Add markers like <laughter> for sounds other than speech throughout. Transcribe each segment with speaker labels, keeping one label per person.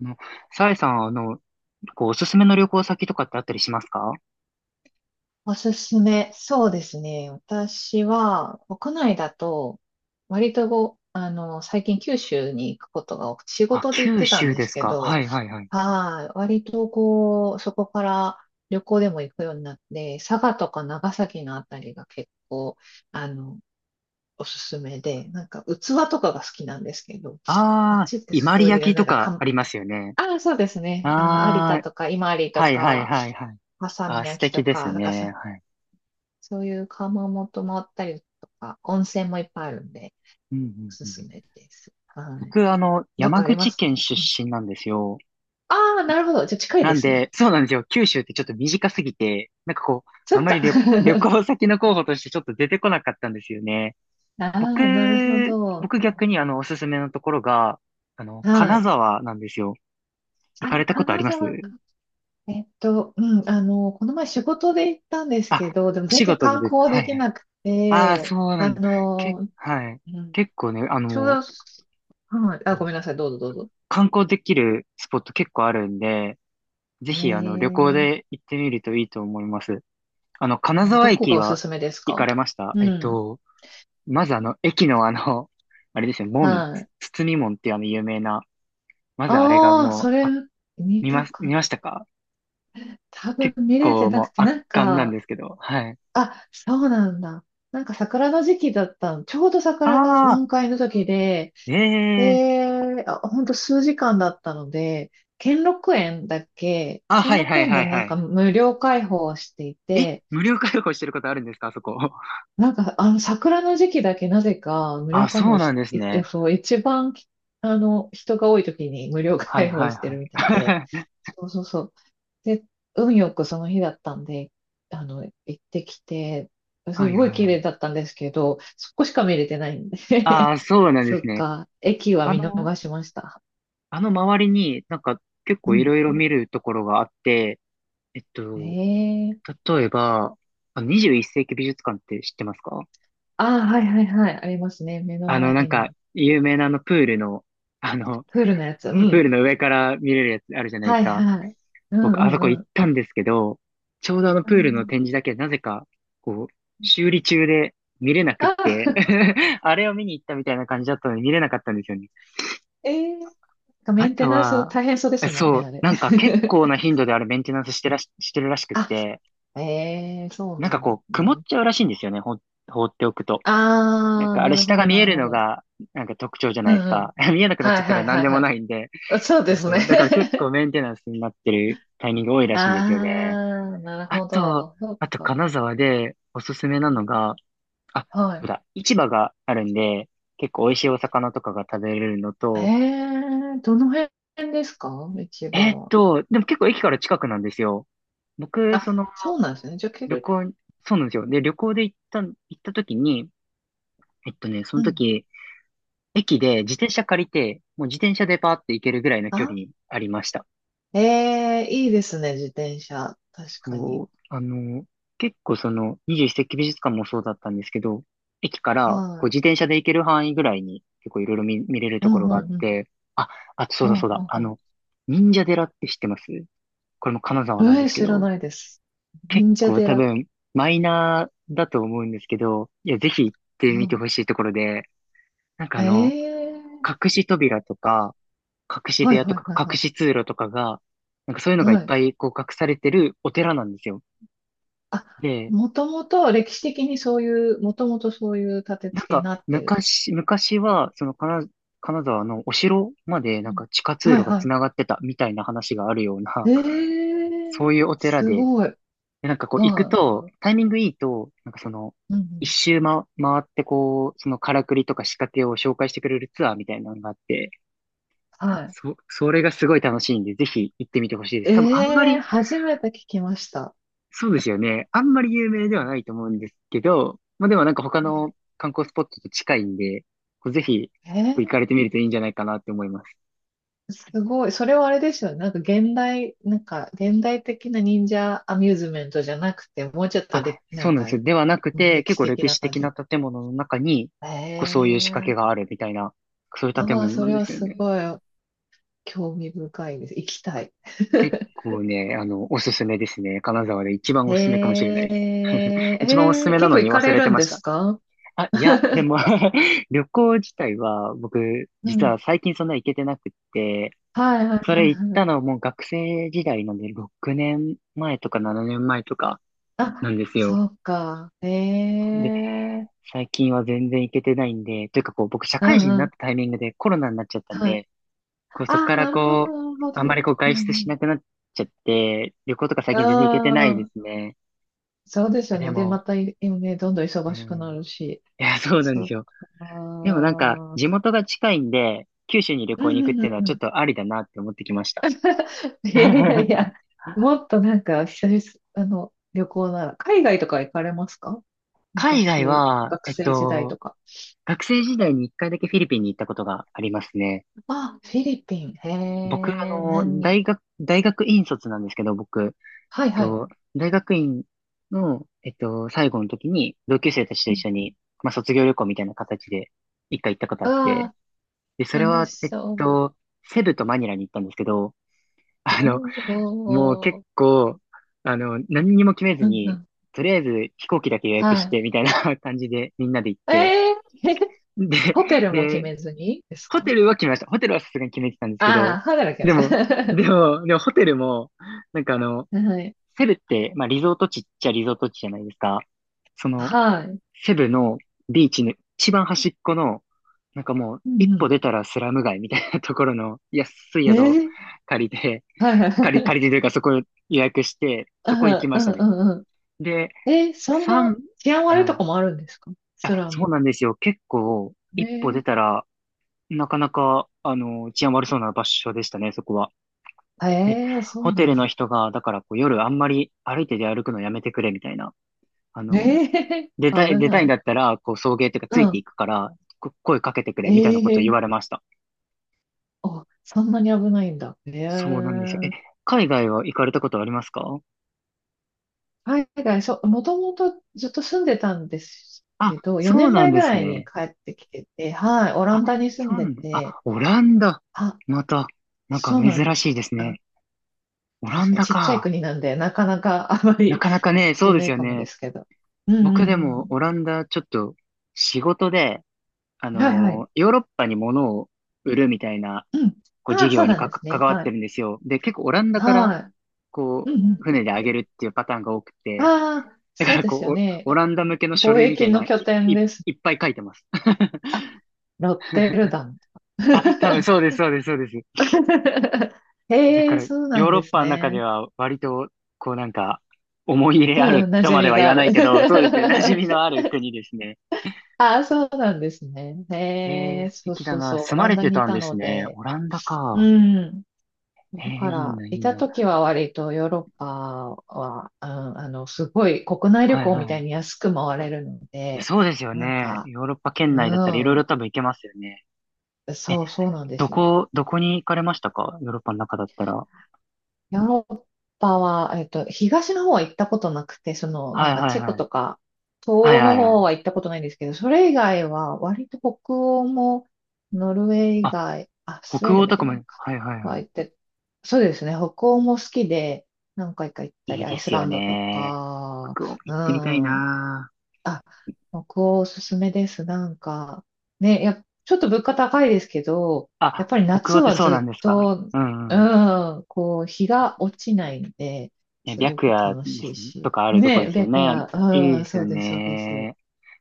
Speaker 1: の、さえさん、おすすめの旅行先とかってあったりしますか？
Speaker 2: おすすめ。そうですね。私は、国内だと、割とご、あの、最近九州に行くことが多くて、仕
Speaker 1: あ、
Speaker 2: 事で行っ
Speaker 1: 九
Speaker 2: てたん
Speaker 1: 州
Speaker 2: で
Speaker 1: で
Speaker 2: す
Speaker 1: す
Speaker 2: け
Speaker 1: か。
Speaker 2: ど、
Speaker 1: はいはいはい。
Speaker 2: はい、割とこう、そこから旅行でも行くようになって、佐賀とか長崎のあたりが結構、あの、おすすめで、なんか器とかが好きなんですけど、あっ
Speaker 1: ああ、
Speaker 2: ちって
Speaker 1: 伊万
Speaker 2: そ
Speaker 1: 里
Speaker 2: ういう、
Speaker 1: 焼
Speaker 2: なん
Speaker 1: と
Speaker 2: かか
Speaker 1: か
Speaker 2: ん、
Speaker 1: ありますよね。
Speaker 2: ああ、そうですね。有田
Speaker 1: ああ、
Speaker 2: とか、伊万里と
Speaker 1: はいはい
Speaker 2: か、
Speaker 1: はいはい。
Speaker 2: 波佐見
Speaker 1: あ、素
Speaker 2: 焼と
Speaker 1: 敵です
Speaker 2: か、なんかそ
Speaker 1: ね。はい。
Speaker 2: そういう窯元もあったりとか、温泉もいっぱいあるんで、
Speaker 1: うん
Speaker 2: おす
Speaker 1: うんう
Speaker 2: す
Speaker 1: ん。
Speaker 2: めです。はい。
Speaker 1: 僕、
Speaker 2: どっか
Speaker 1: 山
Speaker 2: ありま
Speaker 1: 口
Speaker 2: すか？
Speaker 1: 県出身なんですよ。
Speaker 2: ああー、なるほど。じゃあ近い
Speaker 1: な
Speaker 2: で
Speaker 1: ん
Speaker 2: すね。
Speaker 1: で、そうなんですよ。九州ってちょっと短すぎて、なんかこう、
Speaker 2: そ
Speaker 1: あ
Speaker 2: っ
Speaker 1: まり
Speaker 2: か。
Speaker 1: 旅
Speaker 2: <laughs>
Speaker 1: 行先の候補としてちょっと出てこなかったんですよね。
Speaker 2: あ
Speaker 1: 僕、
Speaker 2: あ、なるほど。
Speaker 1: 僕逆におすすめのところが、
Speaker 2: は
Speaker 1: 金
Speaker 2: い。
Speaker 1: 沢なんですよ。行か
Speaker 2: あ、
Speaker 1: れたことあ
Speaker 2: 金
Speaker 1: ります？
Speaker 2: 沢か。うん、この前仕事で行ったんです
Speaker 1: あ、
Speaker 2: けど、でも
Speaker 1: お
Speaker 2: 全
Speaker 1: 仕
Speaker 2: 然
Speaker 1: 事で
Speaker 2: 観
Speaker 1: ですか？
Speaker 2: 光
Speaker 1: は
Speaker 2: で
Speaker 1: いは
Speaker 2: き
Speaker 1: い。
Speaker 2: なく
Speaker 1: ああ、そ
Speaker 2: て、
Speaker 1: うなんだ。
Speaker 2: う
Speaker 1: はい。
Speaker 2: ん、
Speaker 1: 結構ね、
Speaker 2: ちょうど、はい、あ、ごめんなさい、どうぞどうぞ。
Speaker 1: 観光できるスポット結構あるんで、ぜ
Speaker 2: え
Speaker 1: ひ旅行
Speaker 2: ー、
Speaker 1: で行ってみるといいと思います。金
Speaker 2: ど
Speaker 1: 沢
Speaker 2: こ
Speaker 1: 駅
Speaker 2: がおす
Speaker 1: は
Speaker 2: すめです
Speaker 1: 行か
Speaker 2: か？
Speaker 1: れました？
Speaker 2: うん、
Speaker 1: まず駅のあれですよ、
Speaker 2: はい。
Speaker 1: つ包み門っていう有名な、まずあれが
Speaker 2: ああ、
Speaker 1: も
Speaker 2: そ
Speaker 1: う、
Speaker 2: れ
Speaker 1: あ、
Speaker 2: 見たか
Speaker 1: 見
Speaker 2: っ
Speaker 1: ましたか？
Speaker 2: た、多
Speaker 1: 結
Speaker 2: 分見れて
Speaker 1: 構
Speaker 2: な
Speaker 1: もう
Speaker 2: くて、
Speaker 1: 圧
Speaker 2: なん
Speaker 1: 巻なん
Speaker 2: か、
Speaker 1: ですけど、はい。
Speaker 2: あ、そうなんだ。なんか桜の時期だったの。ちょうど
Speaker 1: あ
Speaker 2: 桜が
Speaker 1: あ、
Speaker 2: 満開の時で、
Speaker 1: ええー。
Speaker 2: で、あ、ほんと数時間だったので、兼六園だっけ、
Speaker 1: あ、
Speaker 2: 兼
Speaker 1: はいは
Speaker 2: 六
Speaker 1: い
Speaker 2: 園
Speaker 1: は
Speaker 2: が
Speaker 1: い
Speaker 2: な
Speaker 1: は
Speaker 2: んか
Speaker 1: い。
Speaker 2: 無料開放してい
Speaker 1: え、
Speaker 2: て、
Speaker 1: 無料開放してることあるんですか、あそこ。<laughs>
Speaker 2: なんか、桜の時期だけなぜか無料
Speaker 1: あ、
Speaker 2: 開
Speaker 1: そう
Speaker 2: 放
Speaker 1: なん
Speaker 2: し、
Speaker 1: です
Speaker 2: い
Speaker 1: ね。
Speaker 2: そう、一番、人が多い時に無料
Speaker 1: はい
Speaker 2: 開放
Speaker 1: はい
Speaker 2: してるみたいで、
Speaker 1: はい。<laughs>
Speaker 2: そうそうそう。で、運よくその日だったんで、行ってきて、す
Speaker 1: はい
Speaker 2: ご
Speaker 1: は
Speaker 2: い
Speaker 1: い
Speaker 2: 綺
Speaker 1: は
Speaker 2: 麗
Speaker 1: い。
Speaker 2: だったんですけど、そこしか見れてないんで
Speaker 1: あ
Speaker 2: <laughs>
Speaker 1: あ、そうなんで
Speaker 2: そ
Speaker 1: す
Speaker 2: っ
Speaker 1: ね。
Speaker 2: か、駅は
Speaker 1: あ
Speaker 2: 見
Speaker 1: の、
Speaker 2: 逃しました。
Speaker 1: あの周りになんか結
Speaker 2: う
Speaker 1: 構い
Speaker 2: ん。
Speaker 1: ろいろ見るところがあって、えっ
Speaker 2: へ
Speaker 1: と、
Speaker 2: え。
Speaker 1: 例えば、あ21世紀美術館って知ってますか？
Speaker 2: ああ、はいはいはい、ありますね。目の前
Speaker 1: なんか、
Speaker 2: に。
Speaker 1: 有名なあのプールの、あの、
Speaker 2: プールのやつ。う
Speaker 1: プー
Speaker 2: ん。
Speaker 1: ルの上から見れるやつあるじゃないで
Speaker 2: は
Speaker 1: す
Speaker 2: い
Speaker 1: か。
Speaker 2: はい。うん
Speaker 1: 僕、
Speaker 2: う
Speaker 1: あそこ
Speaker 2: んう
Speaker 1: 行っ
Speaker 2: ん。
Speaker 1: たんですけど、ちょうどあの
Speaker 2: う
Speaker 1: プールの
Speaker 2: ん
Speaker 1: 展示だけなぜか、こう、修理中で見れなくっ
Speaker 2: あ
Speaker 1: て
Speaker 2: あ
Speaker 1: <laughs> あれを見に行ったみたいな感じだったので見れなかったんですよね。
Speaker 2: ええなんかメ
Speaker 1: あ
Speaker 2: ンテ
Speaker 1: と
Speaker 2: ナンス
Speaker 1: は、
Speaker 2: 大変そうですもんね、
Speaker 1: そ
Speaker 2: あ
Speaker 1: う、
Speaker 2: れ。
Speaker 1: なんか結構な
Speaker 2: <laughs>
Speaker 1: 頻度であれメンテナンスしてるらしくっ
Speaker 2: あ、
Speaker 1: て、
Speaker 2: ええそう
Speaker 1: なん
Speaker 2: な
Speaker 1: か
Speaker 2: んです
Speaker 1: 曇っ
Speaker 2: ね。
Speaker 1: ちゃうらしいんですよね、放っておくと。なん
Speaker 2: ああ、
Speaker 1: かあ
Speaker 2: な
Speaker 1: れ
Speaker 2: る
Speaker 1: 下
Speaker 2: ほ
Speaker 1: が
Speaker 2: ど、
Speaker 1: 見
Speaker 2: な
Speaker 1: え
Speaker 2: る
Speaker 1: る
Speaker 2: ほ
Speaker 1: の
Speaker 2: ど。
Speaker 1: が、なんか特徴じゃ
Speaker 2: う
Speaker 1: な
Speaker 2: ん
Speaker 1: いです
Speaker 2: うん。
Speaker 1: か。<laughs> 見えなくなっ
Speaker 2: は
Speaker 1: ちゃっ
Speaker 2: い
Speaker 1: た
Speaker 2: は
Speaker 1: ら
Speaker 2: い
Speaker 1: 何
Speaker 2: はい
Speaker 1: で
Speaker 2: は
Speaker 1: も
Speaker 2: い。
Speaker 1: ないんで。
Speaker 2: あそう
Speaker 1: そ
Speaker 2: で
Speaker 1: う
Speaker 2: す
Speaker 1: そ
Speaker 2: ね。
Speaker 1: う。だから結構メンテナンスになってるタイミング多い
Speaker 2: <laughs>
Speaker 1: ら
Speaker 2: あ
Speaker 1: しいんですよね。
Speaker 2: あ、なる
Speaker 1: あ
Speaker 2: ほ
Speaker 1: と、
Speaker 2: ど。そっ
Speaker 1: あと
Speaker 2: か。
Speaker 1: 金沢でおすすめなのが、あ、そう
Speaker 2: は
Speaker 1: だ、市場があるんで、結構美味しいお魚とかが食べれるの
Speaker 2: い。え
Speaker 1: と、
Speaker 2: えどの辺ですか？一番は。
Speaker 1: でも結構駅から近くなんですよ。僕、
Speaker 2: あ、そうなんですね。じゃあ、け
Speaker 1: 旅
Speaker 2: る。
Speaker 1: 行に、そうなんですよ。で、旅行で行った時に、そ
Speaker 2: う
Speaker 1: の
Speaker 2: ん。
Speaker 1: 時、駅で自転車借りて、もう自転車でパーって行けるぐらいの距離
Speaker 2: あ、
Speaker 1: にありました。
Speaker 2: ええいいですね、自転車。確か
Speaker 1: そ
Speaker 2: に。
Speaker 1: う、結構その21世紀美術館もそうだったんですけど、駅から
Speaker 2: はい。
Speaker 1: 自転車で行ける範囲ぐらいに結構いろいろ見れる
Speaker 2: う
Speaker 1: と
Speaker 2: ん
Speaker 1: ころ
Speaker 2: う
Speaker 1: があっ
Speaker 2: んうん。
Speaker 1: て、あ、あとそう
Speaker 2: う
Speaker 1: だ
Speaker 2: んう
Speaker 1: そ
Speaker 2: ん
Speaker 1: うだ、
Speaker 2: うん
Speaker 1: 忍者寺って知ってます？これも金沢なん
Speaker 2: え
Speaker 1: で
Speaker 2: え、
Speaker 1: すけ
Speaker 2: 知ら
Speaker 1: ど、
Speaker 2: ないです。
Speaker 1: 結
Speaker 2: 忍者
Speaker 1: 構多
Speaker 2: 寺。
Speaker 1: 分マイナーだと思うんですけど、いや、ぜひ行って
Speaker 2: う
Speaker 1: みて
Speaker 2: ん、
Speaker 1: ほしいところで、なんか
Speaker 2: ええ
Speaker 1: 隠し扉とか、隠し部
Speaker 2: はい
Speaker 1: 屋と
Speaker 2: はい
Speaker 1: か、
Speaker 2: はい
Speaker 1: 隠
Speaker 2: は
Speaker 1: し通路とかが、なんかそういうの
Speaker 2: い。
Speaker 1: がい
Speaker 2: は
Speaker 1: っ
Speaker 2: い。
Speaker 1: ぱい隠されてるお寺なんですよ。
Speaker 2: あ、
Speaker 1: で、
Speaker 2: もともと歴史的にそういう、もともとそういう立て
Speaker 1: なん
Speaker 2: 付けに
Speaker 1: か、
Speaker 2: なっているとこ。
Speaker 1: 昔は、その、金沢のお城まで、
Speaker 2: う
Speaker 1: なん
Speaker 2: ん
Speaker 1: か地下通
Speaker 2: はい
Speaker 1: 路が
Speaker 2: は
Speaker 1: 繋がってたみたいな話があるような、
Speaker 2: い。え
Speaker 1: <laughs> そう
Speaker 2: え
Speaker 1: いうお寺
Speaker 2: す
Speaker 1: で、
Speaker 2: ごい。
Speaker 1: で、なんか行く
Speaker 2: は
Speaker 1: と、タイミングいいと、なんかその、
Speaker 2: い。うんう
Speaker 1: 一
Speaker 2: ん、
Speaker 1: 周ま、回ってそのからくりとか仕掛けを紹介してくれるツアーみたいなのがあって、
Speaker 2: はい。
Speaker 1: それがすごい楽しいんで、ぜひ行ってみてほしいです。多分あんま
Speaker 2: ええ
Speaker 1: り。
Speaker 2: 初めて聞きました。
Speaker 1: そうですよね。あんまり有名ではな
Speaker 2: う
Speaker 1: いと思うんですけど、まあでもなんか他の
Speaker 2: ん
Speaker 1: 観光スポットと近いんで、ぜひ
Speaker 2: え
Speaker 1: 行か
Speaker 2: え
Speaker 1: れてみるといいんじゃないかなって思います。
Speaker 2: すごい。それはあれですよね。なんか現代的な忍者アミューズメントじゃなくて、もうちょっとで、な
Speaker 1: そう
Speaker 2: ん
Speaker 1: なん
Speaker 2: か
Speaker 1: ですよ。ではなくて、
Speaker 2: 歴
Speaker 1: 結
Speaker 2: 史
Speaker 1: 構
Speaker 2: 的
Speaker 1: 歴
Speaker 2: な
Speaker 1: 史
Speaker 2: 感
Speaker 1: 的な
Speaker 2: じ。
Speaker 1: 建物の中に、そうい
Speaker 2: え
Speaker 1: う仕掛け
Speaker 2: え
Speaker 1: があるみたいな、そういう建
Speaker 2: ああ、
Speaker 1: 物
Speaker 2: そ
Speaker 1: なん
Speaker 2: れ
Speaker 1: で
Speaker 2: は
Speaker 1: すよ
Speaker 2: す
Speaker 1: ね。
Speaker 2: ごい興味深いです。行きたい。
Speaker 1: 結
Speaker 2: <laughs>
Speaker 1: 構ね、おすすめですね。金沢で一番
Speaker 2: え
Speaker 1: おすすめかもしれないです。
Speaker 2: え
Speaker 1: 一番おすす
Speaker 2: ええ
Speaker 1: めな
Speaker 2: 結構
Speaker 1: の
Speaker 2: 行
Speaker 1: に
Speaker 2: か
Speaker 1: 忘
Speaker 2: れ
Speaker 1: れて
Speaker 2: るん
Speaker 1: ま
Speaker 2: で
Speaker 1: し
Speaker 2: す
Speaker 1: た。
Speaker 2: か？
Speaker 1: あ、いや、で
Speaker 2: <laughs>
Speaker 1: も <laughs> 旅行自体は僕、
Speaker 2: う
Speaker 1: 実
Speaker 2: ん。
Speaker 1: は最近そんな行けてなくって、
Speaker 2: はいはい
Speaker 1: そ
Speaker 2: は
Speaker 1: れ行っ
Speaker 2: いは
Speaker 1: た
Speaker 2: い。
Speaker 1: のもう学生時代なんで6年前とか7年前とかな
Speaker 2: あ、
Speaker 1: んですよ。
Speaker 2: そうか。え
Speaker 1: で、
Speaker 2: え
Speaker 1: 最近は全然行けてないんで、というか僕社
Speaker 2: う
Speaker 1: 会人に
Speaker 2: んう
Speaker 1: なっ
Speaker 2: ん。
Speaker 1: たタイミングでコロナになっちゃったん
Speaker 2: はい。
Speaker 1: で、
Speaker 2: あ
Speaker 1: そこか
Speaker 2: あ、
Speaker 1: ら
Speaker 2: なるほど、なる
Speaker 1: あ
Speaker 2: ほ
Speaker 1: んま
Speaker 2: ど。
Speaker 1: り
Speaker 2: う
Speaker 1: 外出し
Speaker 2: ん
Speaker 1: なくなっちゃって、旅行とか最
Speaker 2: うん。
Speaker 1: 近全然行けてない
Speaker 2: あ
Speaker 1: で
Speaker 2: あ、
Speaker 1: すね。
Speaker 2: そうです
Speaker 1: あ、
Speaker 2: よ
Speaker 1: で
Speaker 2: ね。で、
Speaker 1: も、
Speaker 2: また、今ね、どんどん
Speaker 1: う
Speaker 2: 忙しく
Speaker 1: ん。
Speaker 2: なるし。
Speaker 1: いや、そうなん
Speaker 2: そ
Speaker 1: です
Speaker 2: う
Speaker 1: よ。でもなんか地
Speaker 2: か。
Speaker 1: 元が近いんで、九州に旅
Speaker 2: う
Speaker 1: 行
Speaker 2: ん
Speaker 1: に行
Speaker 2: う
Speaker 1: くっ
Speaker 2: んう
Speaker 1: ていうのは
Speaker 2: んう
Speaker 1: ちょっ
Speaker 2: ん。
Speaker 1: とありだなって思ってきました。
Speaker 2: いやいやいや、
Speaker 1: <laughs>
Speaker 2: もっとなんか、久々、旅行なら、海外とか行かれますか？
Speaker 1: 海外
Speaker 2: 昔、
Speaker 1: は、
Speaker 2: 学生時代とか。
Speaker 1: 学生時代に一回だけフィリピンに行ったことがありますね。
Speaker 2: あ、フィリピン。へ
Speaker 1: 僕、
Speaker 2: え、何？
Speaker 1: 大学院卒なんですけど、僕、え
Speaker 2: は
Speaker 1: っ
Speaker 2: いはい。
Speaker 1: と、大学院の、最後の時に、同級生たちと一緒に、まあ、卒業旅行みたいな形で、一回行ったことあっ
Speaker 2: あ
Speaker 1: て、
Speaker 2: あ
Speaker 1: で、それ
Speaker 2: ー、楽
Speaker 1: は、
Speaker 2: しそう。
Speaker 1: セブとマニラに行ったんですけど、
Speaker 2: お
Speaker 1: あの、もう結
Speaker 2: ー、
Speaker 1: 構、何にも決めず
Speaker 2: うんう
Speaker 1: に、
Speaker 2: ん。
Speaker 1: とりあえず飛行機だけ予
Speaker 2: は
Speaker 1: 約して、みたいな <laughs> 感じでみんなで行っ
Speaker 2: い。
Speaker 1: て、
Speaker 2: <laughs>
Speaker 1: で、
Speaker 2: ホテルも決
Speaker 1: で、
Speaker 2: めずにです
Speaker 1: ホ
Speaker 2: か？
Speaker 1: テルは決めました。ホテルはさすがに決めてたんですけ
Speaker 2: あ
Speaker 1: ど、
Speaker 2: あー、働きま
Speaker 1: で
Speaker 2: し
Speaker 1: も、
Speaker 2: た。
Speaker 1: でもホテルも、なんか
Speaker 2: <laughs> はい。
Speaker 1: セブって、まあリゾート地っちゃリゾート地じゃないですか。その、
Speaker 2: はい。
Speaker 1: セブのビーチの一番端っこの、なんかもう、
Speaker 2: うん
Speaker 1: 一歩
Speaker 2: う
Speaker 1: 出たらスラム街みたいなところの安い
Speaker 2: ん。
Speaker 1: 宿を借りて、
Speaker 2: はいはい。
Speaker 1: 借りてというかそこ予約して、
Speaker 2: <laughs>
Speaker 1: そこ行き
Speaker 2: ああ、
Speaker 1: ました
Speaker 2: <laughs> う
Speaker 1: ね。
Speaker 2: んう
Speaker 1: で、
Speaker 2: んえ、そんな
Speaker 1: 三
Speaker 2: 治安悪い
Speaker 1: は
Speaker 2: と
Speaker 1: い。
Speaker 2: こもあるんですか？ス
Speaker 1: あ、
Speaker 2: ラ
Speaker 1: そう
Speaker 2: ム。
Speaker 1: なんですよ。結構、一歩出
Speaker 2: ね
Speaker 1: たら、なかなか、治安悪そうな場所でしたね、そこは。
Speaker 2: え。
Speaker 1: で、
Speaker 2: ええ、そ
Speaker 1: ホ
Speaker 2: う
Speaker 1: テ
Speaker 2: なん
Speaker 1: ルの
Speaker 2: だ。
Speaker 1: 人が、だから夜あんまり歩いて出歩くのやめてくれ、みたいな。あの、
Speaker 2: ねえ、<laughs> 危
Speaker 1: 出た
Speaker 2: な
Speaker 1: いん
Speaker 2: い。
Speaker 1: だったら、送迎っていうか
Speaker 2: う
Speaker 1: ついて
Speaker 2: ん。
Speaker 1: いくから、声かけてくれ、
Speaker 2: え
Speaker 1: みたいなこと言わ
Speaker 2: え、
Speaker 1: れました。
Speaker 2: あ、そんなに危ないんだ。ええ。
Speaker 1: そうなんですよ。え、海外は行かれたことありますか？
Speaker 2: 海外、そう、もともとずっと住んでたんです
Speaker 1: あ、
Speaker 2: けど、
Speaker 1: そ
Speaker 2: 4
Speaker 1: うな
Speaker 2: 年
Speaker 1: ん
Speaker 2: 前ぐ
Speaker 1: です
Speaker 2: らいに
Speaker 1: ね。
Speaker 2: 帰ってきてて、はい、オラ
Speaker 1: あ、
Speaker 2: ンダに住
Speaker 1: そ
Speaker 2: ん
Speaker 1: うな
Speaker 2: で
Speaker 1: んだ。
Speaker 2: て、
Speaker 1: あ、オランダ。
Speaker 2: あ、
Speaker 1: また、なんか
Speaker 2: そうなんで
Speaker 1: 珍しい
Speaker 2: す。
Speaker 1: です
Speaker 2: あ、
Speaker 1: ね。オラ
Speaker 2: 確
Speaker 1: ン
Speaker 2: かに
Speaker 1: ダ
Speaker 2: ちっちゃい
Speaker 1: か。
Speaker 2: 国なんで、なかなかあま
Speaker 1: な
Speaker 2: り
Speaker 1: かなか
Speaker 2: 行く
Speaker 1: ね、
Speaker 2: 人
Speaker 1: そう
Speaker 2: い
Speaker 1: で
Speaker 2: な
Speaker 1: す
Speaker 2: い
Speaker 1: よ
Speaker 2: かもで
Speaker 1: ね。
Speaker 2: すけど。うんう
Speaker 1: 僕で
Speaker 2: んう
Speaker 1: も
Speaker 2: ん。
Speaker 1: オランダちょっと仕事で、
Speaker 2: はいはい。
Speaker 1: ヨーロッパに物を売るみたいな、
Speaker 2: うん。あ
Speaker 1: 事
Speaker 2: あ、そ
Speaker 1: 業
Speaker 2: う
Speaker 1: に
Speaker 2: なんです
Speaker 1: 関
Speaker 2: ね。
Speaker 1: わっ
Speaker 2: は
Speaker 1: て
Speaker 2: い。
Speaker 1: るんですよ。で、結構オランダから、
Speaker 2: は
Speaker 1: こ
Speaker 2: い。うん
Speaker 1: 船であげるっていうパターンが多く
Speaker 2: うん。
Speaker 1: て、
Speaker 2: ああ、
Speaker 1: だか
Speaker 2: そう
Speaker 1: ら
Speaker 2: ですよ
Speaker 1: オオ
Speaker 2: ね。
Speaker 1: ランダ向けの書
Speaker 2: 貿
Speaker 1: 類みた
Speaker 2: 易
Speaker 1: い
Speaker 2: の
Speaker 1: な、
Speaker 2: 拠点
Speaker 1: い、
Speaker 2: です。
Speaker 1: いっぱい書いてます。
Speaker 2: あ、
Speaker 1: <laughs>
Speaker 2: ロッテルダム。
Speaker 1: あ、多分そうです、そうです、そうです。
Speaker 2: <laughs>
Speaker 1: だ
Speaker 2: へ
Speaker 1: か
Speaker 2: え、
Speaker 1: ら、
Speaker 2: そう
Speaker 1: ヨ
Speaker 2: な
Speaker 1: ー
Speaker 2: ん
Speaker 1: ロッ
Speaker 2: です
Speaker 1: パの中で
Speaker 2: ね。
Speaker 1: は割と、なんか、思い入れ
Speaker 2: う
Speaker 1: ある
Speaker 2: ん、馴
Speaker 1: と
Speaker 2: 染
Speaker 1: まで
Speaker 2: み
Speaker 1: は言
Speaker 2: があ
Speaker 1: わな
Speaker 2: る。
Speaker 1: いけど、そうですね、馴染みの
Speaker 2: <laughs>
Speaker 1: ある国ですね。
Speaker 2: ああ、そうなんですね。
Speaker 1: え
Speaker 2: へ
Speaker 1: ー
Speaker 2: え、
Speaker 1: 素
Speaker 2: そう
Speaker 1: 敵だ
Speaker 2: そう
Speaker 1: な。
Speaker 2: そう。オ
Speaker 1: 住ま
Speaker 2: ラン
Speaker 1: れ
Speaker 2: ダ
Speaker 1: て
Speaker 2: にい
Speaker 1: たん
Speaker 2: た
Speaker 1: です
Speaker 2: の
Speaker 1: ね。
Speaker 2: で。
Speaker 1: オランダ
Speaker 2: う
Speaker 1: か。
Speaker 2: ん。
Speaker 1: えー
Speaker 2: だか
Speaker 1: いい
Speaker 2: ら、
Speaker 1: な、い
Speaker 2: い
Speaker 1: い
Speaker 2: た
Speaker 1: な。
Speaker 2: 時は割とヨーロッパは、うん、すごい国内旅
Speaker 1: はい
Speaker 2: 行みたい
Speaker 1: は
Speaker 2: に安く回れるの
Speaker 1: い。え、
Speaker 2: で、
Speaker 1: そうですよ
Speaker 2: なん
Speaker 1: ね。
Speaker 2: か、
Speaker 1: ヨーロッパ圏内だったらいろい
Speaker 2: う
Speaker 1: ろ
Speaker 2: ん。
Speaker 1: 多分行けますよね。え、
Speaker 2: そう、そうなんですよ。
Speaker 1: どこに行かれましたか？ヨーロッパの中だったら。は
Speaker 2: ヨーロッパは、東の方は行ったことなくて、
Speaker 1: い
Speaker 2: な
Speaker 1: は
Speaker 2: ん
Speaker 1: い
Speaker 2: か
Speaker 1: は
Speaker 2: チェコ
Speaker 1: い。
Speaker 2: とか、東
Speaker 1: はい
Speaker 2: 欧
Speaker 1: は
Speaker 2: の
Speaker 1: いは
Speaker 2: 方
Speaker 1: い。
Speaker 2: は行ったことないんですけど、それ以外は、割と北欧も、ノルウェー以
Speaker 1: あ、
Speaker 2: 外、あ、スウェ
Speaker 1: 北
Speaker 2: ーデン
Speaker 1: 欧
Speaker 2: も行
Speaker 1: と
Speaker 2: って
Speaker 1: かも、
Speaker 2: ないか。
Speaker 1: はいはい
Speaker 2: は
Speaker 1: は
Speaker 2: 行って、そうですね、北欧も好きで、何回か行った
Speaker 1: い。い
Speaker 2: り、
Speaker 1: い
Speaker 2: ア
Speaker 1: で
Speaker 2: イス
Speaker 1: す
Speaker 2: ラ
Speaker 1: よ
Speaker 2: ンドと
Speaker 1: ね。
Speaker 2: か、
Speaker 1: 北欧
Speaker 2: う
Speaker 1: 行ってみたい
Speaker 2: ん、
Speaker 1: な。
Speaker 2: あ、北欧おすすめです。なんか、ね、ちょっと物価高いですけど、やっ
Speaker 1: あ、
Speaker 2: ぱり
Speaker 1: 北欧
Speaker 2: 夏
Speaker 1: って
Speaker 2: は
Speaker 1: そうなん
Speaker 2: ず
Speaker 1: で
Speaker 2: っ
Speaker 1: すか？
Speaker 2: と、
Speaker 1: う
Speaker 2: う
Speaker 1: んうん。
Speaker 2: ん、こう、日が落ちないんで、
Speaker 1: え、
Speaker 2: すご
Speaker 1: 白
Speaker 2: く
Speaker 1: 夜
Speaker 2: 楽
Speaker 1: で
Speaker 2: しい
Speaker 1: すねと
Speaker 2: し。
Speaker 1: かあるとこで
Speaker 2: ね、
Speaker 1: すよ
Speaker 2: 白
Speaker 1: ね。
Speaker 2: 夜、
Speaker 1: いい
Speaker 2: うん、
Speaker 1: です
Speaker 2: そ
Speaker 1: よ
Speaker 2: うです、そうです。
Speaker 1: ね。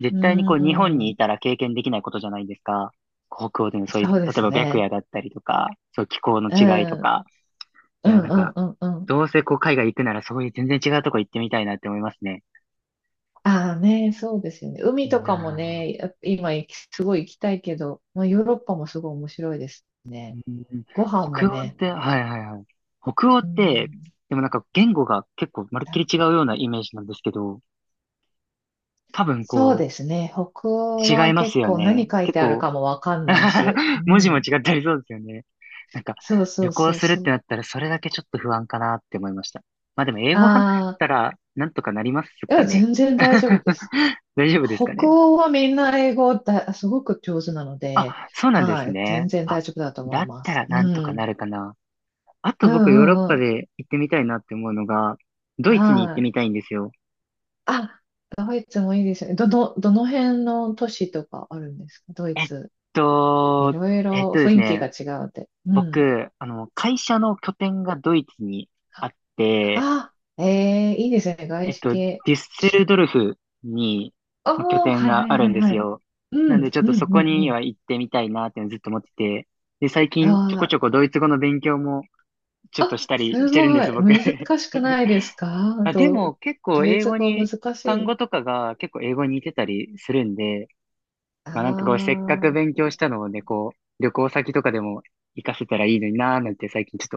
Speaker 1: 絶
Speaker 2: う
Speaker 1: 対に日本にい
Speaker 2: ん、
Speaker 1: たら経験できないことじゃないですか。北欧でのそういう、
Speaker 2: そうで
Speaker 1: 例え
Speaker 2: す
Speaker 1: ば白
Speaker 2: ね。
Speaker 1: 夜だったりとか、そう気候の
Speaker 2: う
Speaker 1: 違いと
Speaker 2: ん、うん、
Speaker 1: か。い
Speaker 2: う
Speaker 1: や、なん
Speaker 2: ん、
Speaker 1: か、
Speaker 2: うん、うん。
Speaker 1: どうせ海外行くならそういう全然違うとこ行ってみたいなって思いますね。
Speaker 2: ああね、そうですよね。海
Speaker 1: いい
Speaker 2: とかも
Speaker 1: なぁ。
Speaker 2: ね、やっぱ今すごい行きたいけど、まあ、ヨーロッパもすごい面白いです
Speaker 1: う
Speaker 2: ね。
Speaker 1: ん、
Speaker 2: ご飯も
Speaker 1: 北欧っ
Speaker 2: ね。
Speaker 1: て、はいはいはい。北欧っ
Speaker 2: う
Speaker 1: て、
Speaker 2: ん
Speaker 1: でもなんか言語が結構まるっきり違うようなイメージなんですけど、多分
Speaker 2: そうですね。北欧
Speaker 1: 違い
Speaker 2: は
Speaker 1: ます
Speaker 2: 結
Speaker 1: よ
Speaker 2: 構
Speaker 1: ね。
Speaker 2: 何書い
Speaker 1: 結
Speaker 2: てある
Speaker 1: 構
Speaker 2: かもわかんないし。う
Speaker 1: <laughs> 文字も
Speaker 2: ん。
Speaker 1: 違ったりそうですよね。なんか、
Speaker 2: そうそ
Speaker 1: 旅
Speaker 2: う
Speaker 1: 行
Speaker 2: そう
Speaker 1: するっ
Speaker 2: そ
Speaker 1: て
Speaker 2: う。
Speaker 1: なったらそれだけちょっと不安かなって思いました。まあでも英語話し
Speaker 2: ああ、
Speaker 1: たらなんとかなります
Speaker 2: い
Speaker 1: か
Speaker 2: や、
Speaker 1: ね。
Speaker 2: 全然大丈夫です。
Speaker 1: <laughs> 大丈夫ですか
Speaker 2: 北
Speaker 1: ね。
Speaker 2: 欧はみんな英語だ、すごく上手なので、
Speaker 1: あ、そうなんで
Speaker 2: は
Speaker 1: す
Speaker 2: い、全
Speaker 1: ね。
Speaker 2: 然大
Speaker 1: あ、
Speaker 2: 丈夫だと思
Speaker 1: だ
Speaker 2: い
Speaker 1: っ
Speaker 2: ま
Speaker 1: た
Speaker 2: す。
Speaker 1: ら
Speaker 2: う
Speaker 1: なんとか
Speaker 2: ん。
Speaker 1: なるかな。あ
Speaker 2: うん
Speaker 1: と僕ヨーロ
Speaker 2: う
Speaker 1: ッ
Speaker 2: んう
Speaker 1: パ
Speaker 2: ん。
Speaker 1: で行ってみたいなって思うのが、ドイツに行っ
Speaker 2: は
Speaker 1: てみ
Speaker 2: い。
Speaker 1: たいんですよ。
Speaker 2: あ、ドイツもいいですよね。どの辺の都市とかあるんですか、ドイツ？い
Speaker 1: と、
Speaker 2: ろい
Speaker 1: えっ
Speaker 2: ろ
Speaker 1: とで
Speaker 2: 雰
Speaker 1: す
Speaker 2: 囲気が
Speaker 1: ね、
Speaker 2: 違うって。うん。
Speaker 1: 僕、会社の拠点がドイツにあって、
Speaker 2: あ、ええいいですね。外資
Speaker 1: デ
Speaker 2: 系。
Speaker 1: ュッセルドルフに
Speaker 2: あ
Speaker 1: まあ拠
Speaker 2: あ、
Speaker 1: 点
Speaker 2: はいは
Speaker 1: が
Speaker 2: い
Speaker 1: ある
Speaker 2: は
Speaker 1: ん
Speaker 2: い
Speaker 1: で
Speaker 2: は
Speaker 1: す
Speaker 2: い。
Speaker 1: よ。
Speaker 2: う
Speaker 1: な
Speaker 2: ん、
Speaker 1: んでちょっ
Speaker 2: うん、
Speaker 1: とそ
Speaker 2: う
Speaker 1: こ
Speaker 2: ん、う
Speaker 1: に
Speaker 2: ん。
Speaker 1: は行ってみたいなっていうのずっと思ってて。で、最近ちょこ
Speaker 2: あ
Speaker 1: ちょこドイツ語の勉強もちょ
Speaker 2: あ、
Speaker 1: っとし
Speaker 2: あ、
Speaker 1: たり
Speaker 2: す
Speaker 1: してるんで
Speaker 2: ごい。
Speaker 1: す、僕。<laughs>
Speaker 2: 難しくないですか？
Speaker 1: あ、でも結構
Speaker 2: ドイ
Speaker 1: 英
Speaker 2: ツ
Speaker 1: 語
Speaker 2: 語
Speaker 1: に、
Speaker 2: 難し
Speaker 1: 単
Speaker 2: い。
Speaker 1: 語とかが結構英語に似てたりするんで、まあなんかせっかく
Speaker 2: あ
Speaker 1: 勉強
Speaker 2: あ。
Speaker 1: したのをね、旅行先とかでも活かせたらいいのになーなんて最近ちょっと